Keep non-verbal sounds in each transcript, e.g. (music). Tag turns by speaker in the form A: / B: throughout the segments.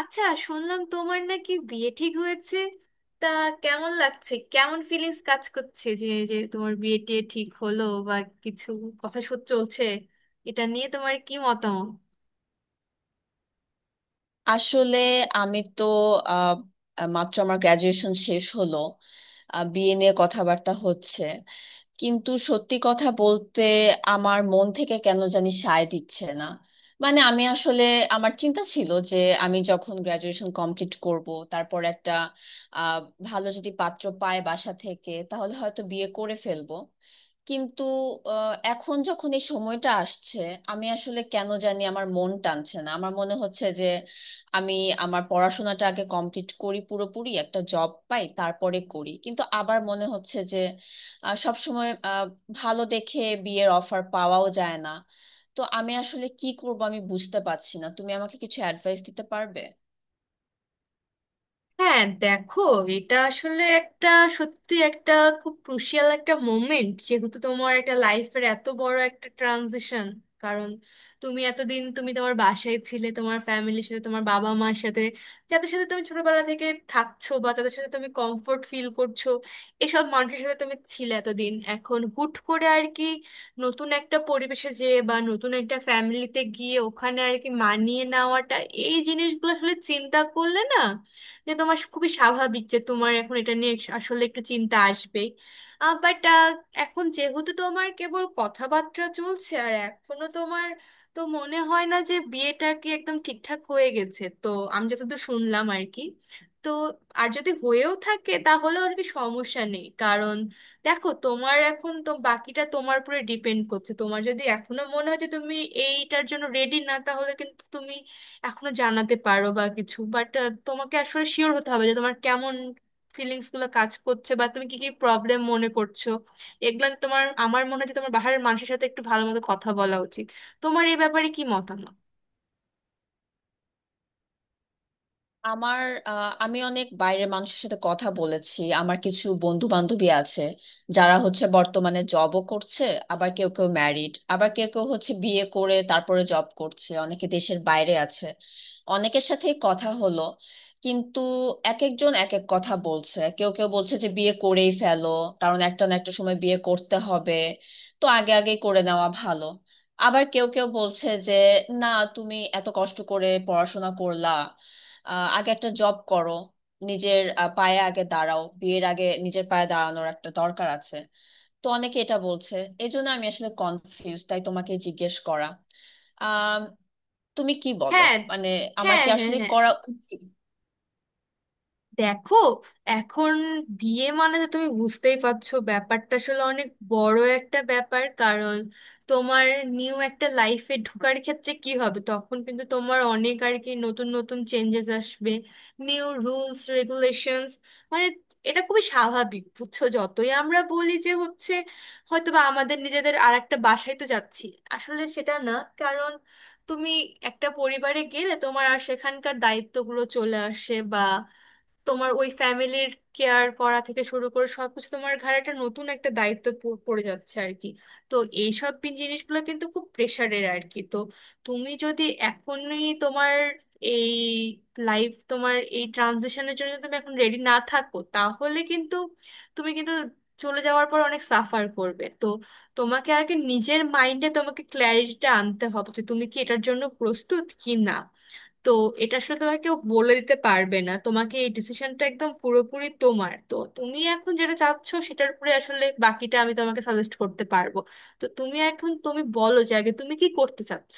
A: আচ্ছা, শুনলাম তোমার নাকি বিয়ে ঠিক হয়েছে। তা কেমন লাগছে? কেমন ফিলিংস কাজ করছে যে যে তোমার বিয়ে টিয়ে ঠিক হলো বা কিছু কথা চলছে? এটা নিয়ে তোমার কি মতামত?
B: আসলে আমি তো আহ, মাত্র আমার গ্রাজুয়েশন শেষ হলো। বিয়ে নিয়ে কথাবার্তা হচ্ছে, কিন্তু সত্যি কথা বলতে আমার মন থেকে কেন জানি সায় দিচ্ছে না। মানে আমি আসলে, আমার চিন্তা ছিল যে আমি যখন গ্রাজুয়েশন কমপ্লিট করব, তারপর একটা আহ, ভালো যদি পাত্র পায় বাসা থেকে, তাহলে হয়তো বিয়ে করে ফেলবো। কিন্তু এখন যখন এই সময়টা আসছে, আমি আসলে কেন জানি আমার মন টানছে না। আমার মনে হচ্ছে যে আমি আমার পড়াশোনাটা আগে কমপ্লিট করি, পুরোপুরি একটা জব পাই, তারপরে করি। কিন্তু আবার মনে হচ্ছে সবসময় ভালো দেখে বিয়ের অফার পাওয়াও যায় না। তো আমি আসলে কি করব আমি বুঝতে পারছি না, তুমি আমাকে কিছু অ্যাডভাইস দিতে পারবে?
A: হ্যাঁ, দেখো, এটা আসলে একটা সত্যি খুব ক্রুশিয়াল একটা মোমেন্ট, যেহেতু তোমার একটা লাইফের এত বড় একটা ট্রানজিশন। কারণ তুমি তোমার বাসায় ছিলে তোমার ফ্যামিলির সাথে, তোমার বাবা মার সাথে, যাদের সাথে তুমি ছোটবেলা থেকে থাকছো, বা যাদের সাথে তুমি কমফোর্ট ফিল করছো, এসব মানুষের সাথে তুমি ছিলে এতদিন। এখন হুট করে আর কি, নতুন একটা পরিবেশে যেয়ে বা নতুন একটা ফ্যামিলিতে গিয়ে ওখানে আর কি মানিয়ে নেওয়াটা, এই জিনিসগুলো আসলে চিন্তা করলে না, যে তোমার খুবই স্বাভাবিক যে তোমার এখন এটা নিয়ে আসলে একটু চিন্তা আসবেই। বাট এখন যেহেতু তোমার কেবল কথাবার্তা চলছে আর এখনো তোমার, তো মনে হয় না যে বিয়েটা কি একদম ঠিকঠাক হয়ে গেছে, তো আমি যতদূর শুনলাম আর কি। তো আর যদি হয়েও থাকে তাহলে আর কি সমস্যা নেই, কারণ দেখো, তোমার এখন তো বাকিটা তোমার উপরে ডিপেন্ড করছে। তোমার যদি এখনো মনে হয় যে তুমি এইটার জন্য রেডি না, তাহলে কিন্তু তুমি এখনো জানাতে পারো বা কিছু। বাট তোমাকে আসলে শিওর হতে হবে যে তোমার কেমন ফিলিংস গুলো কাজ করছে বা তুমি কি কি প্রবলেম মনে করছো। এগুলো তোমার, আমার মনে হয় যে তোমার বাহিরের মানুষের সাথে একটু ভালো মতো কথা বলা উচিত। তোমার এই ব্যাপারে কি মতামত?
B: আমার, আমি অনেক বাইরের মানুষের সাথে কথা বলেছি। আমার কিছু বন্ধু বান্ধবী আছে যারা হচ্ছে বর্তমানে জবও করছে, আবার কেউ কেউ ম্যারিড, আবার কেউ কেউ হচ্ছে বিয়ে করে তারপরে জব করছে, অনেকে দেশের বাইরে আছে। অনেকের সাথেই কথা হলো, কিন্তু এক একজন এক এক কথা বলছে। কেউ কেউ বলছে যে বিয়ে করেই ফেলো, কারণ একটা না একটা সময় বিয়ে করতে হবে, তো আগে আগে করে নেওয়া ভালো। আবার কেউ কেউ বলছে যে না, তুমি এত কষ্ট করে পড়াশোনা করলা, আগে একটা জব করো, নিজের পায়ে আগে দাঁড়াও, বিয়ের আগে নিজের পায়ে দাঁড়ানোর একটা দরকার আছে। তো অনেকে এটা বলছে। এই জন্য আমি আসলে কনফিউজ, তাই তোমাকে জিজ্ঞেস করা। আহ তুমি কি বলো?
A: হ্যাঁ
B: মানে আমার
A: হ্যাঁ
B: কি
A: হ্যাঁ
B: আসলে
A: হ্যাঁ
B: করা উচিত?
A: দেখো, এখন বিয়ে মানে তো তুমি বুঝতেই পারছো, ব্যাপারটা আসলে অনেক বড় একটা ব্যাপার। কারণ তোমার নিউ একটা লাইফে ঢোকার ক্ষেত্রে কি হবে, তখন কিন্তু তোমার অনেক আর কি নতুন নতুন চেঞ্জেস আসবে, নিউ রুলস রেগুলেশনস। মানে এটা খুবই স্বাভাবিক, বুঝছো, যতই আমরা বলি যে হচ্ছে হয়তো বা আমাদের নিজেদের আর একটা বাসায় তো যাচ্ছি, আসলে সেটা না। কারণ তুমি একটা পরিবারে গেলে তোমার আর সেখানকার দায়িত্বগুলো চলে আসে। তোমার ওই ফ্যামিলির কেয়ার করা থেকে শুরু করে সবকিছু তোমার ঘাড়ে একটা নতুন একটা দায়িত্ব পড়ে যাচ্ছে আর কি। তো এইসব জিনিসগুলো কিন্তু খুব প্রেশারের আর কি। তো তুমি যদি এখনই তোমার এই লাইফ, তোমার এই ট্রানজিশনের জন্য তুমি এখন রেডি না থাকো, তাহলে কিন্তু তুমি চলে যাওয়ার পর অনেক সাফার করবে। তো তোমাকে আর কি নিজের মাইন্ডে তোমাকে ক্ল্যারিটিটা আনতে হবে যে তুমি কি এটার জন্য প্রস্তুত কি না। তো এটা আসলে তোমাকে কেউ বলে দিতে পারবে না, তোমাকে এই ডিসিশনটা একদম পুরোপুরি তোমার। তো তুমি এখন যেটা চাচ্ছ সেটার উপরে আসলে বাকিটা আমি তোমাকে সাজেস্ট করতে পারবো। তো তুমি বলো যে আগে তুমি কি করতে চাচ্ছ?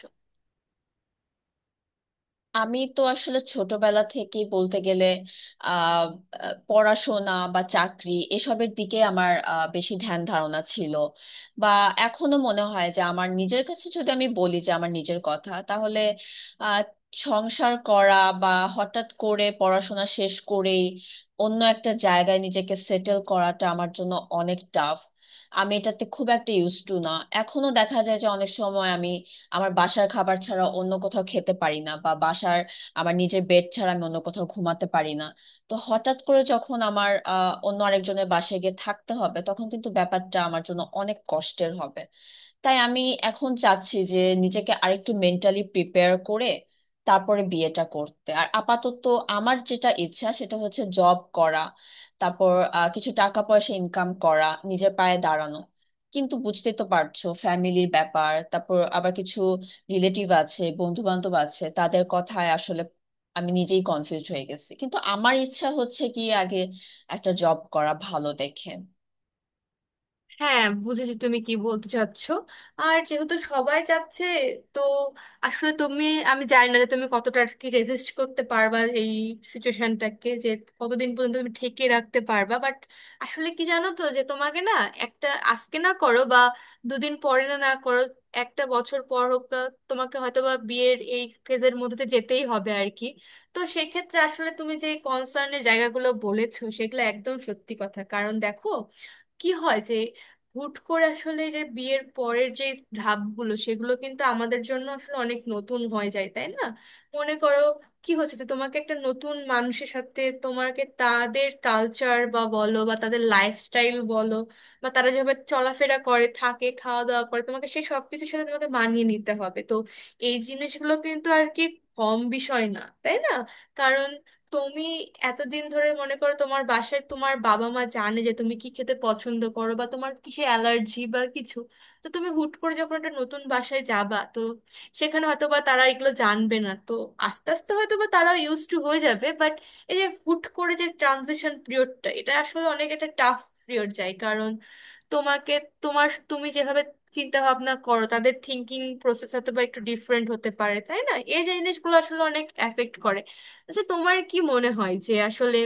B: আমি তো আসলে ছোটবেলা থেকেই বলতে গেলে আহ আহ, পড়াশোনা বা চাকরি এসবের দিকে আমার বেশি ধ্যান ধারণা ছিল। বা এখনো মনে হয় যে আমার নিজের কাছে যদি আমি বলি যে আমার নিজের কথা, তাহলে আহ, সংসার করা বা হঠাৎ করে পড়াশোনা শেষ করেই অন্য একটা জায়গায় নিজেকে সেটেল করাটা আমার জন্য অনেক টাফ। আমি এটাতে খুব একটা ইউজ টু না। এখনো দেখা যায় যে অনেক সময় আমি আমার বাসার খাবার ছাড়া অন্য কোথাও খেতে পারি না, বা বাসার আমার নিজের বেড ছাড়া আমি অন্য কোথাও ঘুমাতে পারি না। তো হঠাৎ করে যখন আমার অন্য আরেকজনের বাসায় গিয়ে থাকতে হবে, তখন কিন্তু ব্যাপারটা আমার জন্য অনেক কষ্টের হবে। তাই আমি এখন চাচ্ছি যে নিজেকে আরেকটু মেন্টালি প্রিপেয়ার করে তারপরে বিয়েটা করতে। আর আপাতত আমার যেটা ইচ্ছা সেটা হচ্ছে জব করা, তারপর কিছু টাকা পয়সা ইনকাম করা, নিজের পায়ে দাঁড়ানো। কিন্তু বুঝতে তো পারছো ফ্যামিলির ব্যাপার, তারপর আবার কিছু রিলেটিভ আছে, বন্ধু বান্ধব আছে, তাদের কথায় আসলে আমি নিজেই কনফিউজ হয়ে গেছি। কিন্তু আমার ইচ্ছা হচ্ছে কি আগে একটা জব করা ভালো দেখে।
A: হ্যাঁ, বুঝেছি তুমি কি বলতে চাচ্ছো। আর যেহেতু সবাই যাচ্ছে, তো আসলে তুমি, আমি জানি না যে তুমি কতটা আর কি রেজিস্ট করতে পারবা এই সিচুয়েশনটাকে, যে কতদিন পর্যন্ত তুমি ঠেকিয়ে রাখতে পারবা। বাট আসলে কি জানো তো, যে তোমাকে না একটা আজকে না করো, বা দুদিন পরে না না করো, একটা বছর পর হোক, তোমাকে হয়তো বা বিয়ের এই ফেজের মধ্যে দিয়ে যেতেই হবে আর কি। তো সেক্ষেত্রে আসলে তুমি যে কনসার্নের জায়গাগুলো বলেছো সেগুলো একদম সত্যি কথা। কারণ দেখো, কি হয় যে হুট করে আসলে যে বিয়ের পরের যে ধাপগুলো সেগুলো কিন্তু আমাদের জন্য আসলে অনেক নতুন হয়ে যায়, তাই না? মনে করো, কি হচ্ছে যে তোমাকে একটা নতুন মানুষের সাথে তোমাকে তাদের কালচার বা বলো, বা তাদের লাইফস্টাইল বলো, বা তারা যেভাবে চলাফেরা করে থাকে, খাওয়া দাওয়া করে, তোমাকে সেই সব কিছুর সাথে তোমাকে মানিয়ে নিতে হবে। তো এই জিনিসগুলো কিন্তু আর কি কম বিষয় না, তাই না? কারণ তুমি এতদিন ধরে, মনে করো, তোমার বাসায় তোমার বাবা মা জানে যে তুমি কি খেতে পছন্দ করো বা তোমার কিসে অ্যালার্জি বা কিছু। তো তুমি হুট করে যখন একটা নতুন বাসায় যাবা, তো সেখানে হয়তো বা তারা এগুলো জানবে না। তো আস্তে আস্তে হয়তো বা তারা ইউজ টু হয়ে যাবে, বাট এই যে হুট করে যে ট্রানজিশন পিরিয়ডটা, এটা আসলে অনেক একটা টাফ পিরিয়ড যায়। কারণ তোমাকে, তোমার, তুমি যেভাবে চিন্তা ভাবনা করো, তাদের থিঙ্কিং প্রসেস হয়তো বা একটু ডিফারেন্ট হতে পারে, তাই না? এই যে জিনিসগুলো আসলে অনেক এফেক্ট করে। আচ্ছা, তোমার কি মনে হয় যে আসলে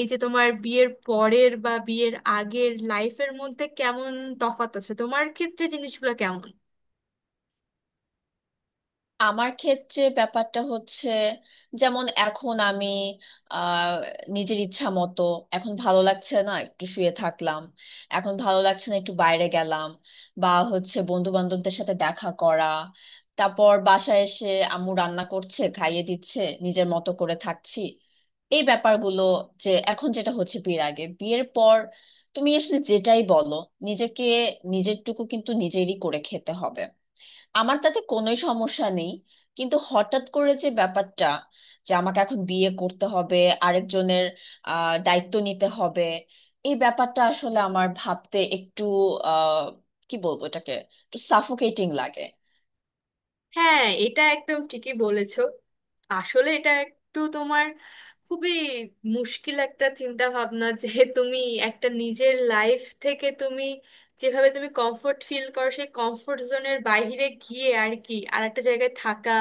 A: এই যে তোমার বিয়ের পরের বা বিয়ের আগের লাইফের মধ্যে কেমন তফাৎ আছে, তোমার ক্ষেত্রে জিনিসগুলো কেমন?
B: আমার ক্ষেত্রে ব্যাপারটা হচ্ছে, যেমন এখন আমি আহ নিজের ইচ্ছা মতো, এখন ভালো লাগছে না একটু শুয়ে থাকলাম, এখন ভালো লাগছে না একটু বাইরে গেলাম, বা হচ্ছে বন্ধু বান্ধবদের সাথে দেখা করা, তারপর বাসায় এসে আম্মু রান্না করছে খাইয়ে দিচ্ছে, নিজের মতো করে থাকছি। এই ব্যাপারগুলো, যে এখন যেটা হচ্ছে বিয়ের আগে, বিয়ের পর তুমি আসলে যেটাই বলো, নিজেকে নিজের টুকু কিন্তু নিজেরই করে খেতে হবে। আমার তাতে কোনোই সমস্যা নেই। কিন্তু হঠাৎ করে যে ব্যাপারটা, যে আমাকে এখন বিয়ে করতে হবে, আরেকজনের দায়িত্ব নিতে হবে, এই ব্যাপারটা আসলে আমার ভাবতে একটু আহ কি বলবো এটাকে, একটু সাফোকেটিং লাগে।
A: হ্যাঁ, এটা একদম ঠিকই বলেছো। আসলে এটা একটু তোমার খুবই মুশকিল একটা চিন্তা ভাবনা (laughs) যে তুমি একটা নিজের লাইফ থেকে তুমি যেভাবে তুমি কমফোর্ট ফিল করো সেই কমফোর্ট জোনের বাইরে গিয়ে আর কি আর একটা জায়গায় থাকা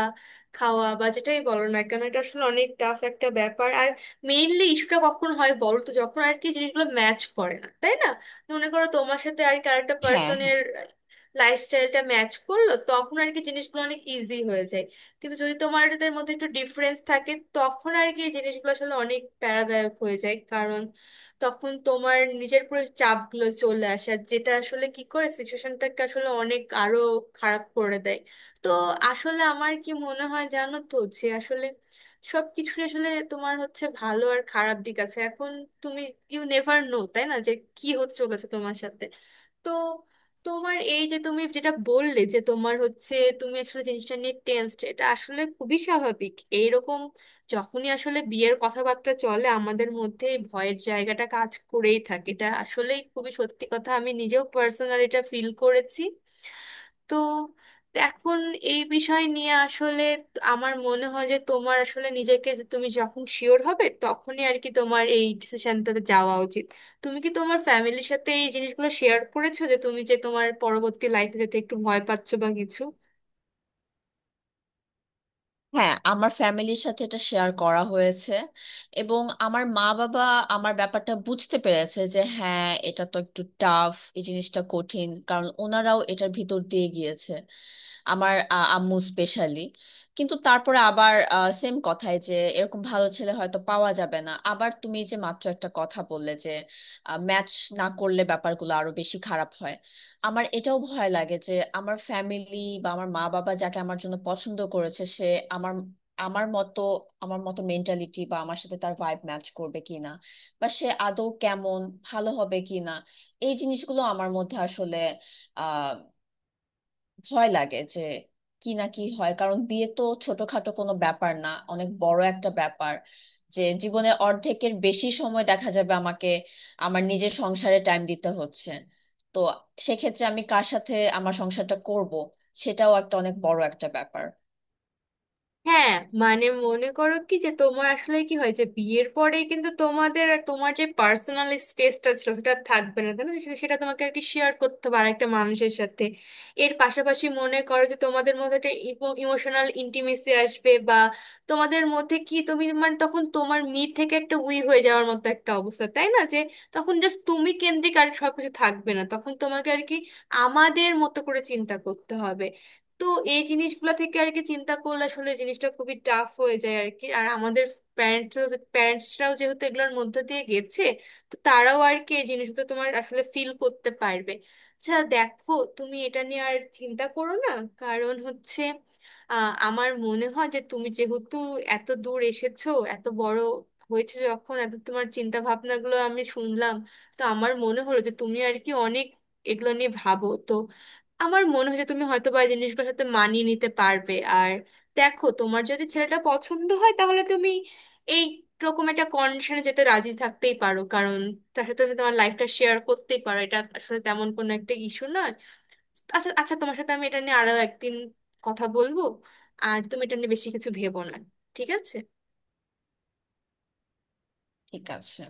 A: খাওয়া বা যেটাই বলো না কেন, এটা আসলে অনেক টাফ একটা ব্যাপার। আর মেইনলি ইস্যুটা কখন হয় বলো তো, যখন আর কি জিনিসগুলো ম্যাচ করে না, তাই না? মনে করো তোমার সাথে আর কি আরেকটা
B: হ্যাঁ,
A: পার্সনের
B: হ্যাঁ,
A: লাইফস্টাইলটা ম্যাচ করলো, তখন আর কি জিনিসগুলো অনেক ইজি হয়ে যায়। কিন্তু যদি তোমাদের মধ্যে একটু ডিফারেন্স থাকে, তখন আর কি এই জিনিসগুলো আসলে অনেক প্যারাদায়ক হয়ে যায়। কারণ তখন তোমার নিজের পুরো চাপগুলো চলে আসে, আর যেটা আসলে কি করে সিচুয়েশনটাকে আসলে অনেক আরো খারাপ করে দেয়। তো আসলে আমার কি মনে হয় জানো তো, যে আসলে সবকিছু আসলে তোমার হচ্ছে ভালো আর খারাপ দিক আছে। এখন তুমি ইউ নেভার নো, তাই না, যে কি হচ্ছে চলেছে তোমার সাথে। তো তোমার এই যে তুমি যেটা বললে যে তোমার হচ্ছে তুমি আসলে জিনিসটা নিয়ে টেনসড, এটা আসলে খুবই স্বাভাবিক। এইরকম যখনই আসলে বিয়ের কথাবার্তা চলে আমাদের মধ্যে এই ভয়ের জায়গাটা কাজ করেই থাকে, এটা আসলেই খুবই সত্যি কথা, আমি নিজেও পার্সোনালি এটা ফিল করেছি। তো এখন এই বিষয় নিয়ে আসলে আমার মনে হয় যে তোমার আসলে নিজেকে, যে তুমি যখন শিওর হবে তখনই আর কি তোমার এই ডিসিশনটাতে যাওয়া উচিত। তুমি কি তোমার ফ্যামিলির সাথে এই জিনিসগুলো শেয়ার করেছো, যে তুমি যে তোমার পরবর্তী লাইফে যেতে একটু ভয় পাচ্ছো বা কিছু?
B: হ্যাঁ, আমার ফ্যামিলির সাথে এটা শেয়ার করা হয়েছে। এবং আমার মা বাবা আমার ব্যাপারটা বুঝতে পেরেছে যে হ্যাঁ এটা তো একটু টাফ, এই জিনিসটা কঠিন, কারণ ওনারাও এটার ভিতর দিয়ে গিয়েছে। আমার আম্মু স্পেশালি। কিন্তু তারপরে আবার সেম কথাই যে এরকম ভালো ছেলে হয়তো পাওয়া যাবে না। আবার তুমি যে মাত্র একটা কথা বললে যে ম্যাচ না করলে ব্যাপারগুলো আরো বেশি খারাপ হয়, আমার এটাও ভয় লাগে যে আমার ফ্যামিলি বা আমার মা বাবা যাকে আমার জন্য পছন্দ করেছে, সে আমার আমার মতো আমার মতো মেন্টালিটি বা আমার সাথে তার ভাইব ম্যাচ করবে কিনা, বা সে আদৌ কেমন, ভালো হবে কিনা। এই জিনিসগুলো আমার মধ্যে আসলে ভয় লাগে, যে কি না কি হয়। কারণ বিয়ে তো ছোটখাটো কোনো ব্যাপার না, অনেক বড় একটা ব্যাপার। যে জীবনে অর্ধেকের বেশি সময় দেখা যাবে আমাকে আমার নিজের সংসারে টাইম দিতে হচ্ছে, তো সেক্ষেত্রে আমি কার সাথে আমার সংসারটা করব সেটাও একটা অনেক বড় একটা ব্যাপার।
A: হ্যাঁ, মানে মনে করো কি, যে তোমার আসলে কি হয়, যে বিয়ের পরে কিন্তু তোমাদের আর তোমার যে পার্সোনাল স্পেসটা ছিল সেটা আর থাকবে না, তাই না? সেটা তোমাকে আর কি শেয়ার করতে হবে আরেকটা মানুষের সাথে। এর পাশাপাশি মনে করো যে তোমাদের মধ্যে একটা ইমোশনাল ইন্টিমেসি আসবে, বা তোমাদের মধ্যে কি তুমি মানে তখন তোমার মি থেকে একটা উই হয়ে যাওয়ার মতো একটা অবস্থা, তাই না? যে তখন জাস্ট তুমি কেন্দ্রিক আর সবকিছু থাকবে না, তখন তোমাকে আর কি আমাদের মতো করে চিন্তা করতে হবে। তো এই জিনিসগুলা থেকে আর কি চিন্তা করলে আসলে জিনিসটা খুবই টাফ হয়ে যায় আর কি। আর আমাদের প্যারেন্টস প্যারেন্টসরাও যেহেতু এগুলোর মধ্য দিয়ে গেছে, তো তারাও আর কি এই জিনিসগুলো তোমার আসলে ফিল করতে পারবে। আচ্ছা দেখো, তুমি এটা নিয়ে আর চিন্তা করো না। কারণ হচ্ছে, আমার মনে হয় যে তুমি যেহেতু এত দূর এসেছো, এত বড় হয়েছে, যখন এত তোমার চিন্তা ভাবনাগুলো আমি শুনলাম, তো আমার মনে হলো যে তুমি আর কি অনেক এগুলো নিয়ে ভাবো। তো আমার মনে হয় যে তুমি হয়তো বা এই জিনিসগুলোর সাথে মানিয়ে নিতে পারবে। আর দেখো, তোমার যদি ছেলেটা পছন্দ হয়, তাহলে তুমি এই রকম একটা কন্ডিশনে যেতে রাজি থাকতেই পারো। কারণ তার সাথে তুমি তোমার লাইফটা শেয়ার করতেই পারো, এটা আসলে তেমন কোনো একটা ইস্যু নয়। আচ্ছা আচ্ছা, তোমার সাথে আমি এটা নিয়ে আরো একদিন কথা বলবো। আর তুমি এটা নিয়ে বেশি কিছু ভেবো না, ঠিক আছে?
B: ঠিক আছে।